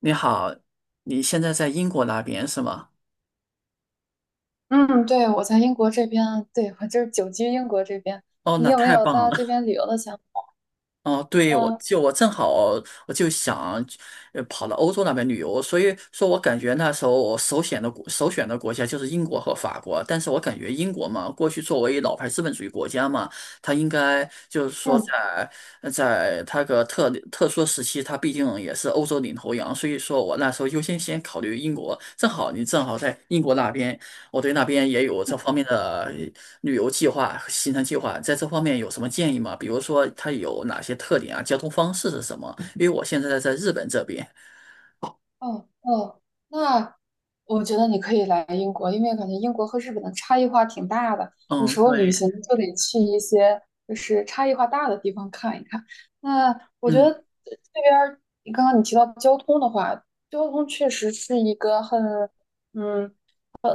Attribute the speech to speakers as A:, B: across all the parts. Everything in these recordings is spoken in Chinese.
A: 你好，你现在在英国那边是吗？
B: 嗯，对，我在英国这边，对，我就是久居英国这边。
A: 哦，
B: 你
A: 那
B: 有没
A: 太
B: 有
A: 棒
B: 到
A: 了。
B: 这边旅游的想法？
A: 哦，对，我
B: 嗯
A: 就我正好我就想，跑到欧洲那边旅游，所以说我感觉那时候我首选的国家就是英国和法国，但是我感觉英国嘛，过去作为老牌资本主义国家嘛，它应该就是说
B: 嗯。
A: 在它个特殊时期，它毕竟也是欧洲领头羊，所以说我那时候优先考虑英国，你正好在英国那边。我对那边也有这方面的旅游计划、行程计划，在这方面有什么建议吗？比如说它有哪些特点啊？交通方式是什么？因为我现在在日本这边，
B: 哦哦，那我觉得你可以来英国，因为感觉英国和日本的差异化挺大的。有
A: 嗯，
B: 时候旅
A: 对，
B: 行就得去一些差异化大的地方看一看。那我觉得
A: 嗯，
B: 这边儿，你刚刚提到交通的话，交通确实是一个很嗯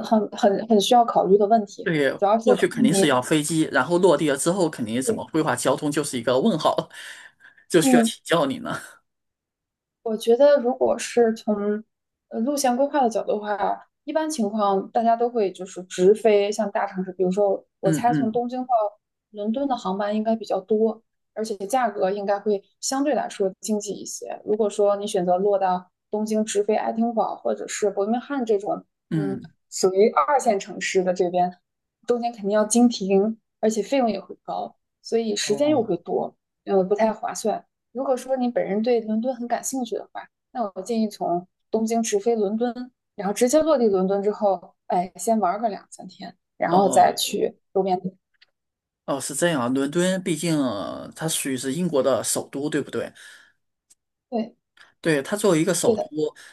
B: 很需要考虑的问题，
A: 对，
B: 主要是
A: 过
B: 看
A: 去肯定是
B: 你。
A: 要飞机，然后落地了之后，肯定怎么规划交通就是一个问号，就需要
B: 嗯。
A: 请教你呢。
B: 我觉得，如果是从路线规划的角度的话，一般情况大家都会直飞像大城市，比如说我
A: 嗯
B: 猜从
A: 嗯
B: 东京到伦敦的航班应该比较多，而且价格应该会相对来说经济一些。如果说你选择落到东京直飞爱丁堡或者是伯明翰这种，嗯，
A: 嗯，
B: 属于二线城市的这边，中间肯定要经停，而且费用也会高，所以时间又
A: 哦
B: 会多，不太划算。如果说你本人对伦敦很感兴趣的话，那我建议从东京直飞伦敦，然后直接落地伦敦之后，哎，先玩个两三天，然后再
A: 哦
B: 去周边地。
A: 哦，是这样啊，伦敦毕竟它属于是英国的首都，对不对？
B: 对，
A: 对，它作为一个
B: 对
A: 首都，
B: 的，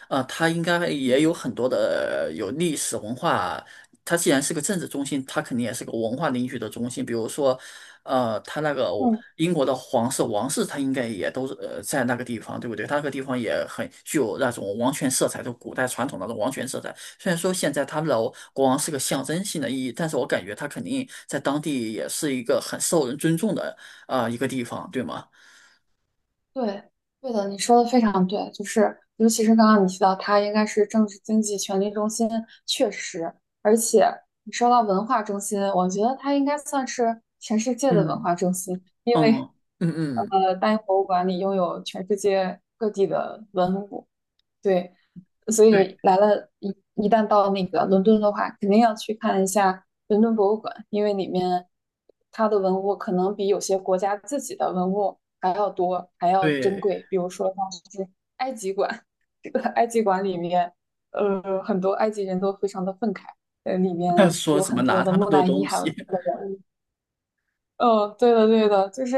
A: 它应该
B: 嗯，
A: 也有很多的有历史文化。它既然是个政治中心，它肯定也是个文化领域的中心。比如说，它那个
B: 嗯。
A: 英国的皇室、王室，它应该也都是在那个地方，对不对？它那个地方也很具有那种王权色彩，就古代传统那种王权色彩。虽然说现在他们的国王是个象征性的意义，但是我感觉他肯定在当地也是一个很受人尊重的啊、一个地方，对吗？
B: 对，对的，你说的非常对，就是尤其是刚刚你提到它应该是政治经济权力中心，确实，而且你说到文化中心，我觉得它应该算是全世界的文
A: 嗯，
B: 化中心，因为
A: 嗯嗯嗯。
B: 大英博物馆里拥有全世界各地的文物，对，所
A: 对。
B: 以来了一一旦到那个伦敦的话，肯定要去看一下伦敦博物馆，因为里面它的文物可能比有些国家自己的文物还要多，还要珍
A: 对，
B: 贵。比如说像是埃及馆，这个埃及馆里面，很多埃及人都非常的愤慨，里面
A: 说
B: 有
A: 什么
B: 很多
A: 拿
B: 的
A: 他们
B: 木
A: 的
B: 乃伊，
A: 东
B: 还有
A: 西，
B: 它的文物。嗯，对的，对的，就是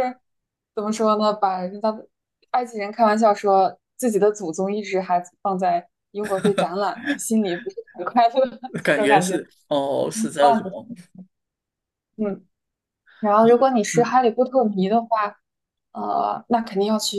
B: 怎么说呢？把人家的埃及人开玩笑说自己的祖宗一直还放在英国被展览呢，心里不是很快乐，
A: 感
B: 这种
A: 觉
B: 感觉。
A: 是哦，是这
B: 段
A: 种，
B: 子，嗯。然后，
A: 嗯，
B: 如果你是
A: 嗯
B: 哈利波特迷的话，那肯定要去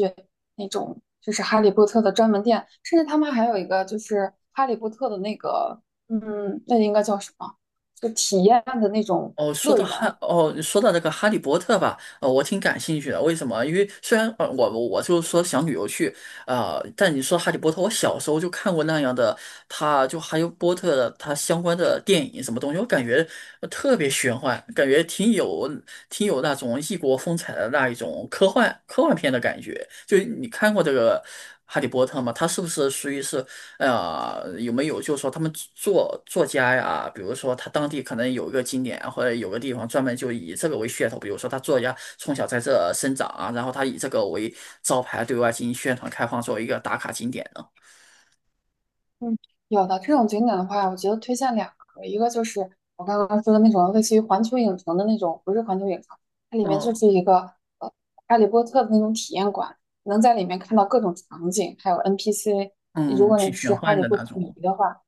B: 那种就是哈利波特的专门店，甚至他们还有一个就是哈利波特的那个，嗯，那应该叫什么？就体验的那种
A: 哦，
B: 乐园，
A: 说到那个《哈利波特》吧，我挺感兴趣的。为什么？因为虽然我就是说想旅游去，啊、但你说《哈利波特》，我小时候就看过那样的，他就《哈利波特》的他相关的电影什么东西，我感觉特别玄幻，感觉挺有那种异国风采的那一种科幻片的感觉。就你看过这个《哈利波特》吗？它是不是属于是有没有就是说他们作家呀，比如说他当地可能有一个景点或者有个地方专门就以这个为噱头，比如说他作家从小在这生长啊，然后他以这个为招牌对外进行宣传开放，作为一个打卡景点呢？
B: 嗯，有的这种景点的话，我觉得推荐两个，一个就是我刚刚说的那种类似于环球影城的那种，不是环球影城，它里面就
A: 嗯
B: 是一个呃哈利波特的那种体验馆，能在里面看到各种场景，还有 NPC。如
A: 嗯，
B: 果
A: 挺
B: 你
A: 玄
B: 是哈
A: 幻
B: 利
A: 的
B: 波
A: 那
B: 特迷
A: 种
B: 的话，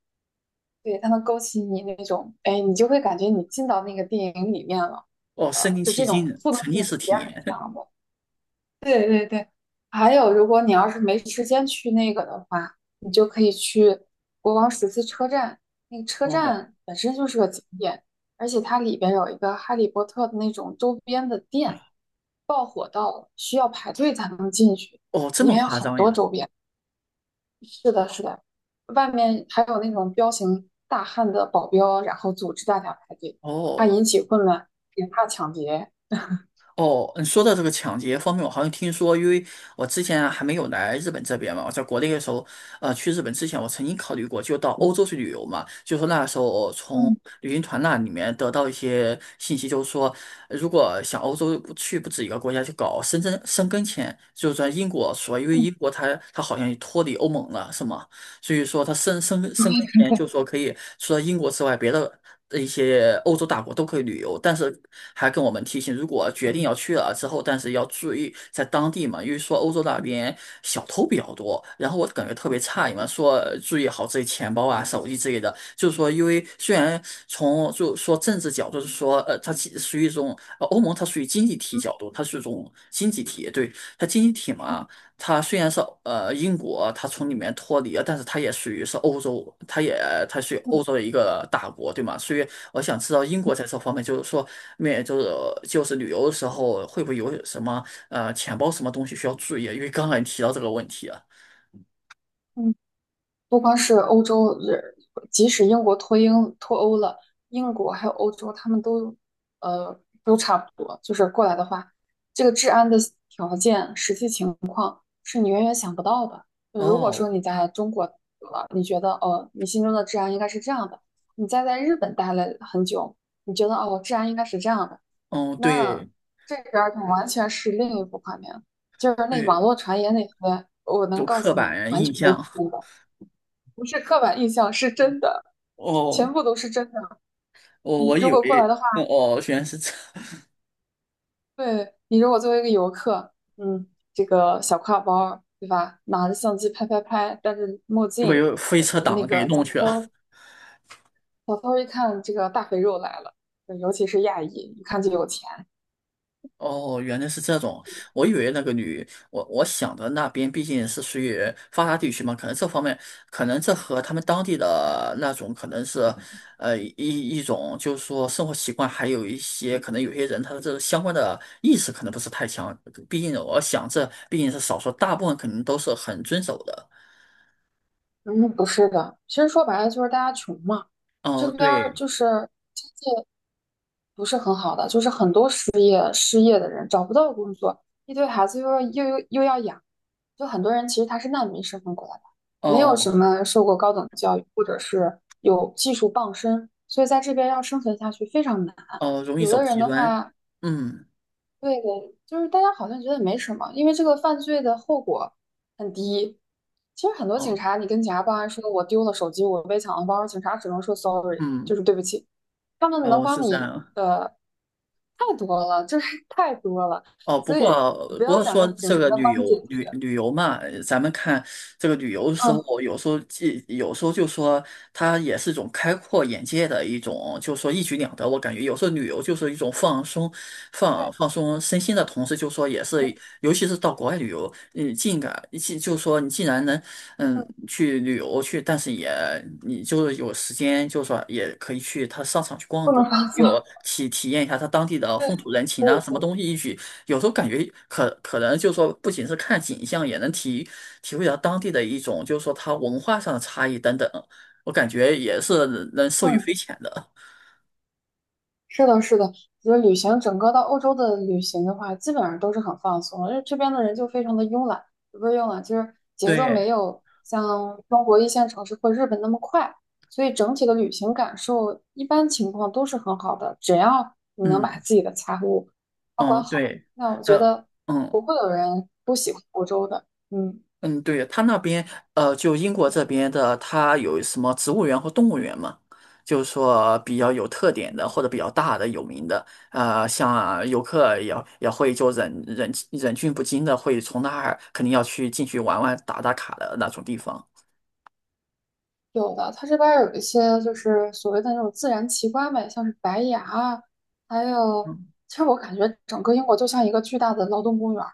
B: 对，它能勾起你那种，哎，你就会感觉你进到那个电影里面了，
A: 哦，身临
B: 就这
A: 其
B: 种
A: 境，
B: 互动
A: 沉
B: 性
A: 浸
B: 体
A: 式体
B: 验很
A: 验。
B: 强。对对对，还有，如果你要是没时间去那个的话，你就可以去国王十字车站。那个 车
A: 哦
B: 站本身就是个景点，而且它里边有一个《哈利波特》的那种周边的店，排队才能进去。
A: 哦，这
B: 里
A: 么
B: 面有
A: 夸
B: 很
A: 张
B: 多
A: 呀？
B: 周边。是的，是的，外面还有那种彪形大汉的保镖，然后组织大家排队，怕
A: 哦。
B: 引起混乱，也怕抢劫。
A: 哦，嗯，说到这个抢劫方面，我好像听说，因为我之前啊还没有来日本这边嘛，我在国内的时候，去日本之前，我曾经考虑过，就到欧洲去旅游嘛。就说那时候我从
B: 嗯
A: 旅行团那里面得到一些信息，就是说，如果想欧洲不去不止一个国家，去搞申根签，就是在英国说，因为
B: 嗯
A: 英国它好像也脱离欧盟了，是吗？所以说它申根签，就是说可以除了英国之外，别的。一些欧洲大国都可以旅游，但是还跟我们提醒，如果决定要去了之后，但是要注意在当地嘛，因为说欧洲那边小偷比较多，然后我感觉特别诧异嘛，说注意好自己钱包啊、手机之类的，就是说，因为虽然从就说政治角度是说，它其实属于一种欧盟，它属于经济体
B: 嗯
A: 角度，它是一种经济体，对，它经济体嘛。它虽然是英国，它从里面脱离了，但是它也属于是欧洲，它属于欧
B: 嗯
A: 洲的一个大国，对吗？所以我想知道英国在这方面，就是说面就是就是旅游的时候会不会有什么钱包什么东西需要注意？因为刚才你提到这个问题啊。
B: 嗯。不光是欧洲，即使英国脱英脱欧了，英国还有欧洲，他们都呃都差不多。就是过来的话，这个治安的条件、实际情况是你远远想不到的。就如果
A: 哦，
B: 说你在中国了，你觉得哦，你心中的治安应该是这样的；你再在日本待了很久，你觉得哦，治安应该是这样的。
A: 嗯，
B: 那
A: 对
B: 这边儿就完全是另一幅画面，就是那
A: 对，
B: 网络传言那些，我
A: 有
B: 能告
A: 刻
B: 诉你，
A: 板
B: 完
A: 印
B: 全都是
A: 象。
B: 真 的。不是刻板印象，是真的，全
A: 哦，
B: 部都是真的。
A: 我
B: 你如
A: 以
B: 果过来
A: 为
B: 的话，
A: 哦，原来是这，
B: 对，你如果作为一个游客，嗯，这个小挎包儿对吧？拿着相机拍拍拍，戴着墨
A: 会
B: 镜，
A: 有飞
B: 呃，
A: 车党
B: 那
A: 给
B: 个小
A: 弄去
B: 偷
A: 了。
B: 儿，小偷儿一看这个大肥肉来了，呃尤其是亚裔，一看就有钱，
A: 哦，原来是这种，我以为那个女，我想的那边毕竟是属于发达地区嘛，可能这方面，可能这和他们当地的那种可能是，一种就是说生活习惯，还有一些可能有些人他的这个相关的意识可能不是太强，毕竟我想这毕竟是少数，大部分肯定都是很遵守的。
B: 嗯，不是的，其实说白了就是大家穷嘛，
A: 哦，
B: 这边儿
A: 对，
B: 就是经济不是很好的，就是很多失业的人找不到工作，一堆孩子又要养，就很多人其实他是难民身份过来的，没有什
A: 哦
B: 么受过高等教育或者是有技术傍身，所以在这边要生存下去非常难。
A: 哦，容易
B: 有
A: 走
B: 的人
A: 极
B: 的
A: 端，
B: 话，
A: 嗯，
B: 对的，就是大家好像觉得没什么，因为这个犯罪的后果很低。其实很多警
A: 哦，
B: 察，你跟警察报案说我丢了手机，我被抢了包，警察只能说 sorry，
A: 嗯，
B: 就是对不起。他们能
A: 哦，
B: 帮
A: 是这
B: 你
A: 样。
B: 的太多了，太多了，
A: 哦，不
B: 所以
A: 过
B: 不
A: 不
B: 要
A: 过
B: 想
A: 说
B: 着警
A: 这
B: 察
A: 个
B: 能
A: 旅
B: 帮
A: 游
B: 你解
A: 旅
B: 决。
A: 旅游嘛，咱们看这个旅游的时
B: 嗯，
A: 候，有时候就说它也是一种开阔眼界的一种，就说一举两得。我感觉有时候旅游就是一种放松、
B: 对，
A: 放松身心的同时，就说也是，尤其是到国外旅游，嗯，尽感既就说你既然能嗯
B: 嗯，
A: 去旅游去，但是也你就是有时间，就说也可以去它商场去逛
B: 不
A: 逛。
B: 能放松。
A: 又体验一下它当地的
B: 对，
A: 风土人情
B: 可
A: 啊，
B: 以
A: 什么
B: 的。
A: 东西一举有时候感觉可能就是说，不仅是看景象，也能体会到当地的一种，就是说它文化上的差异等等。我感觉也是能受益匪
B: 嗯。
A: 浅的。
B: 是的，是的，就是旅行，整个到欧洲的旅行的话，基本上都是很放松的，因为这边的人就非常的慵懒，不是慵懒，就是 节奏
A: 对，
B: 没有像中国一线城市或日本那么快，所以整体的旅行感受一般情况都是很好的，只要你能把
A: 嗯
B: 自己的财务，
A: 嗯，对，
B: 那我觉
A: 呃，
B: 得
A: 嗯。
B: 不会有人不喜欢欧洲的，嗯。
A: 嗯，对，他那边，就英国这边的，它有什么植物园或动物园嘛？就是说比较有特点的或者比较大的、有名的，像游客也会就忍俊不禁的会从那儿肯定要去进去玩玩、打打卡的那种地方。
B: 有的，它这边儿有一些就是所谓的那种自然奇观呗，像是白崖啊还有，
A: 嗯，
B: 其实我感觉整个英国就像一个巨大的劳动公园儿，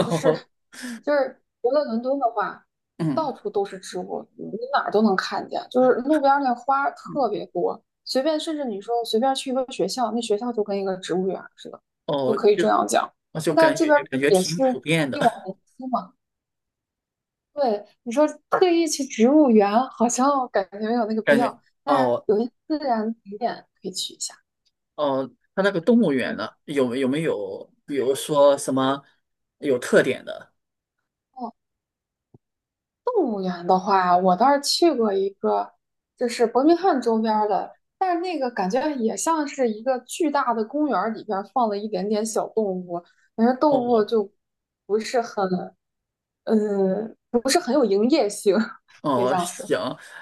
B: 就是 就是除了伦敦的话，
A: 嗯，
B: 到处都是植物，你哪儿都能看见，就是路边儿那花儿
A: 嗯，
B: 特别多，随便甚至你说随便去一个学校，那学校就跟一个植物园儿似的，就
A: 哦，
B: 可以
A: 就
B: 这样讲。
A: 我
B: 那
A: 就
B: 它
A: 感
B: 这
A: 觉
B: 边儿
A: 感觉
B: 也是
A: 挺普遍的，
B: 地广人稀嘛。对，你说特意去植物园，好像感觉没有那个 必
A: 感觉
B: 要，但是
A: 哦
B: 有一些自然景点可以去一下。
A: 哦，它那个动物园
B: 嗯，
A: 呢，有没有，比如说什么有特点的？
B: 哦，动物园的话，我倒是去过一个，就是伯明翰周边儿的，但是那个感觉也像是一个巨大的公园儿里边儿放了一点点小动物，但是动物
A: 哦
B: 就不是很，嗯，不是很有营业性，可以这
A: 哦，
B: 样说。
A: 行，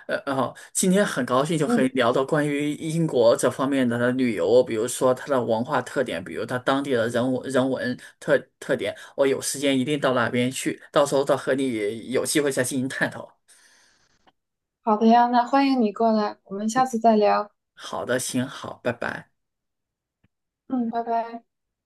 A: 哦，今天很高兴就可以
B: 嗯，
A: 聊到关于英国这方面的旅游，比如说它的文化特点，比如它当地的人文特点。我有时间一定到那边去，到时候再和你有机会再进行探讨。
B: 好的呀，那欢迎你过来，我们下次再聊。
A: 好的，行，好，拜拜。
B: 嗯，拜拜。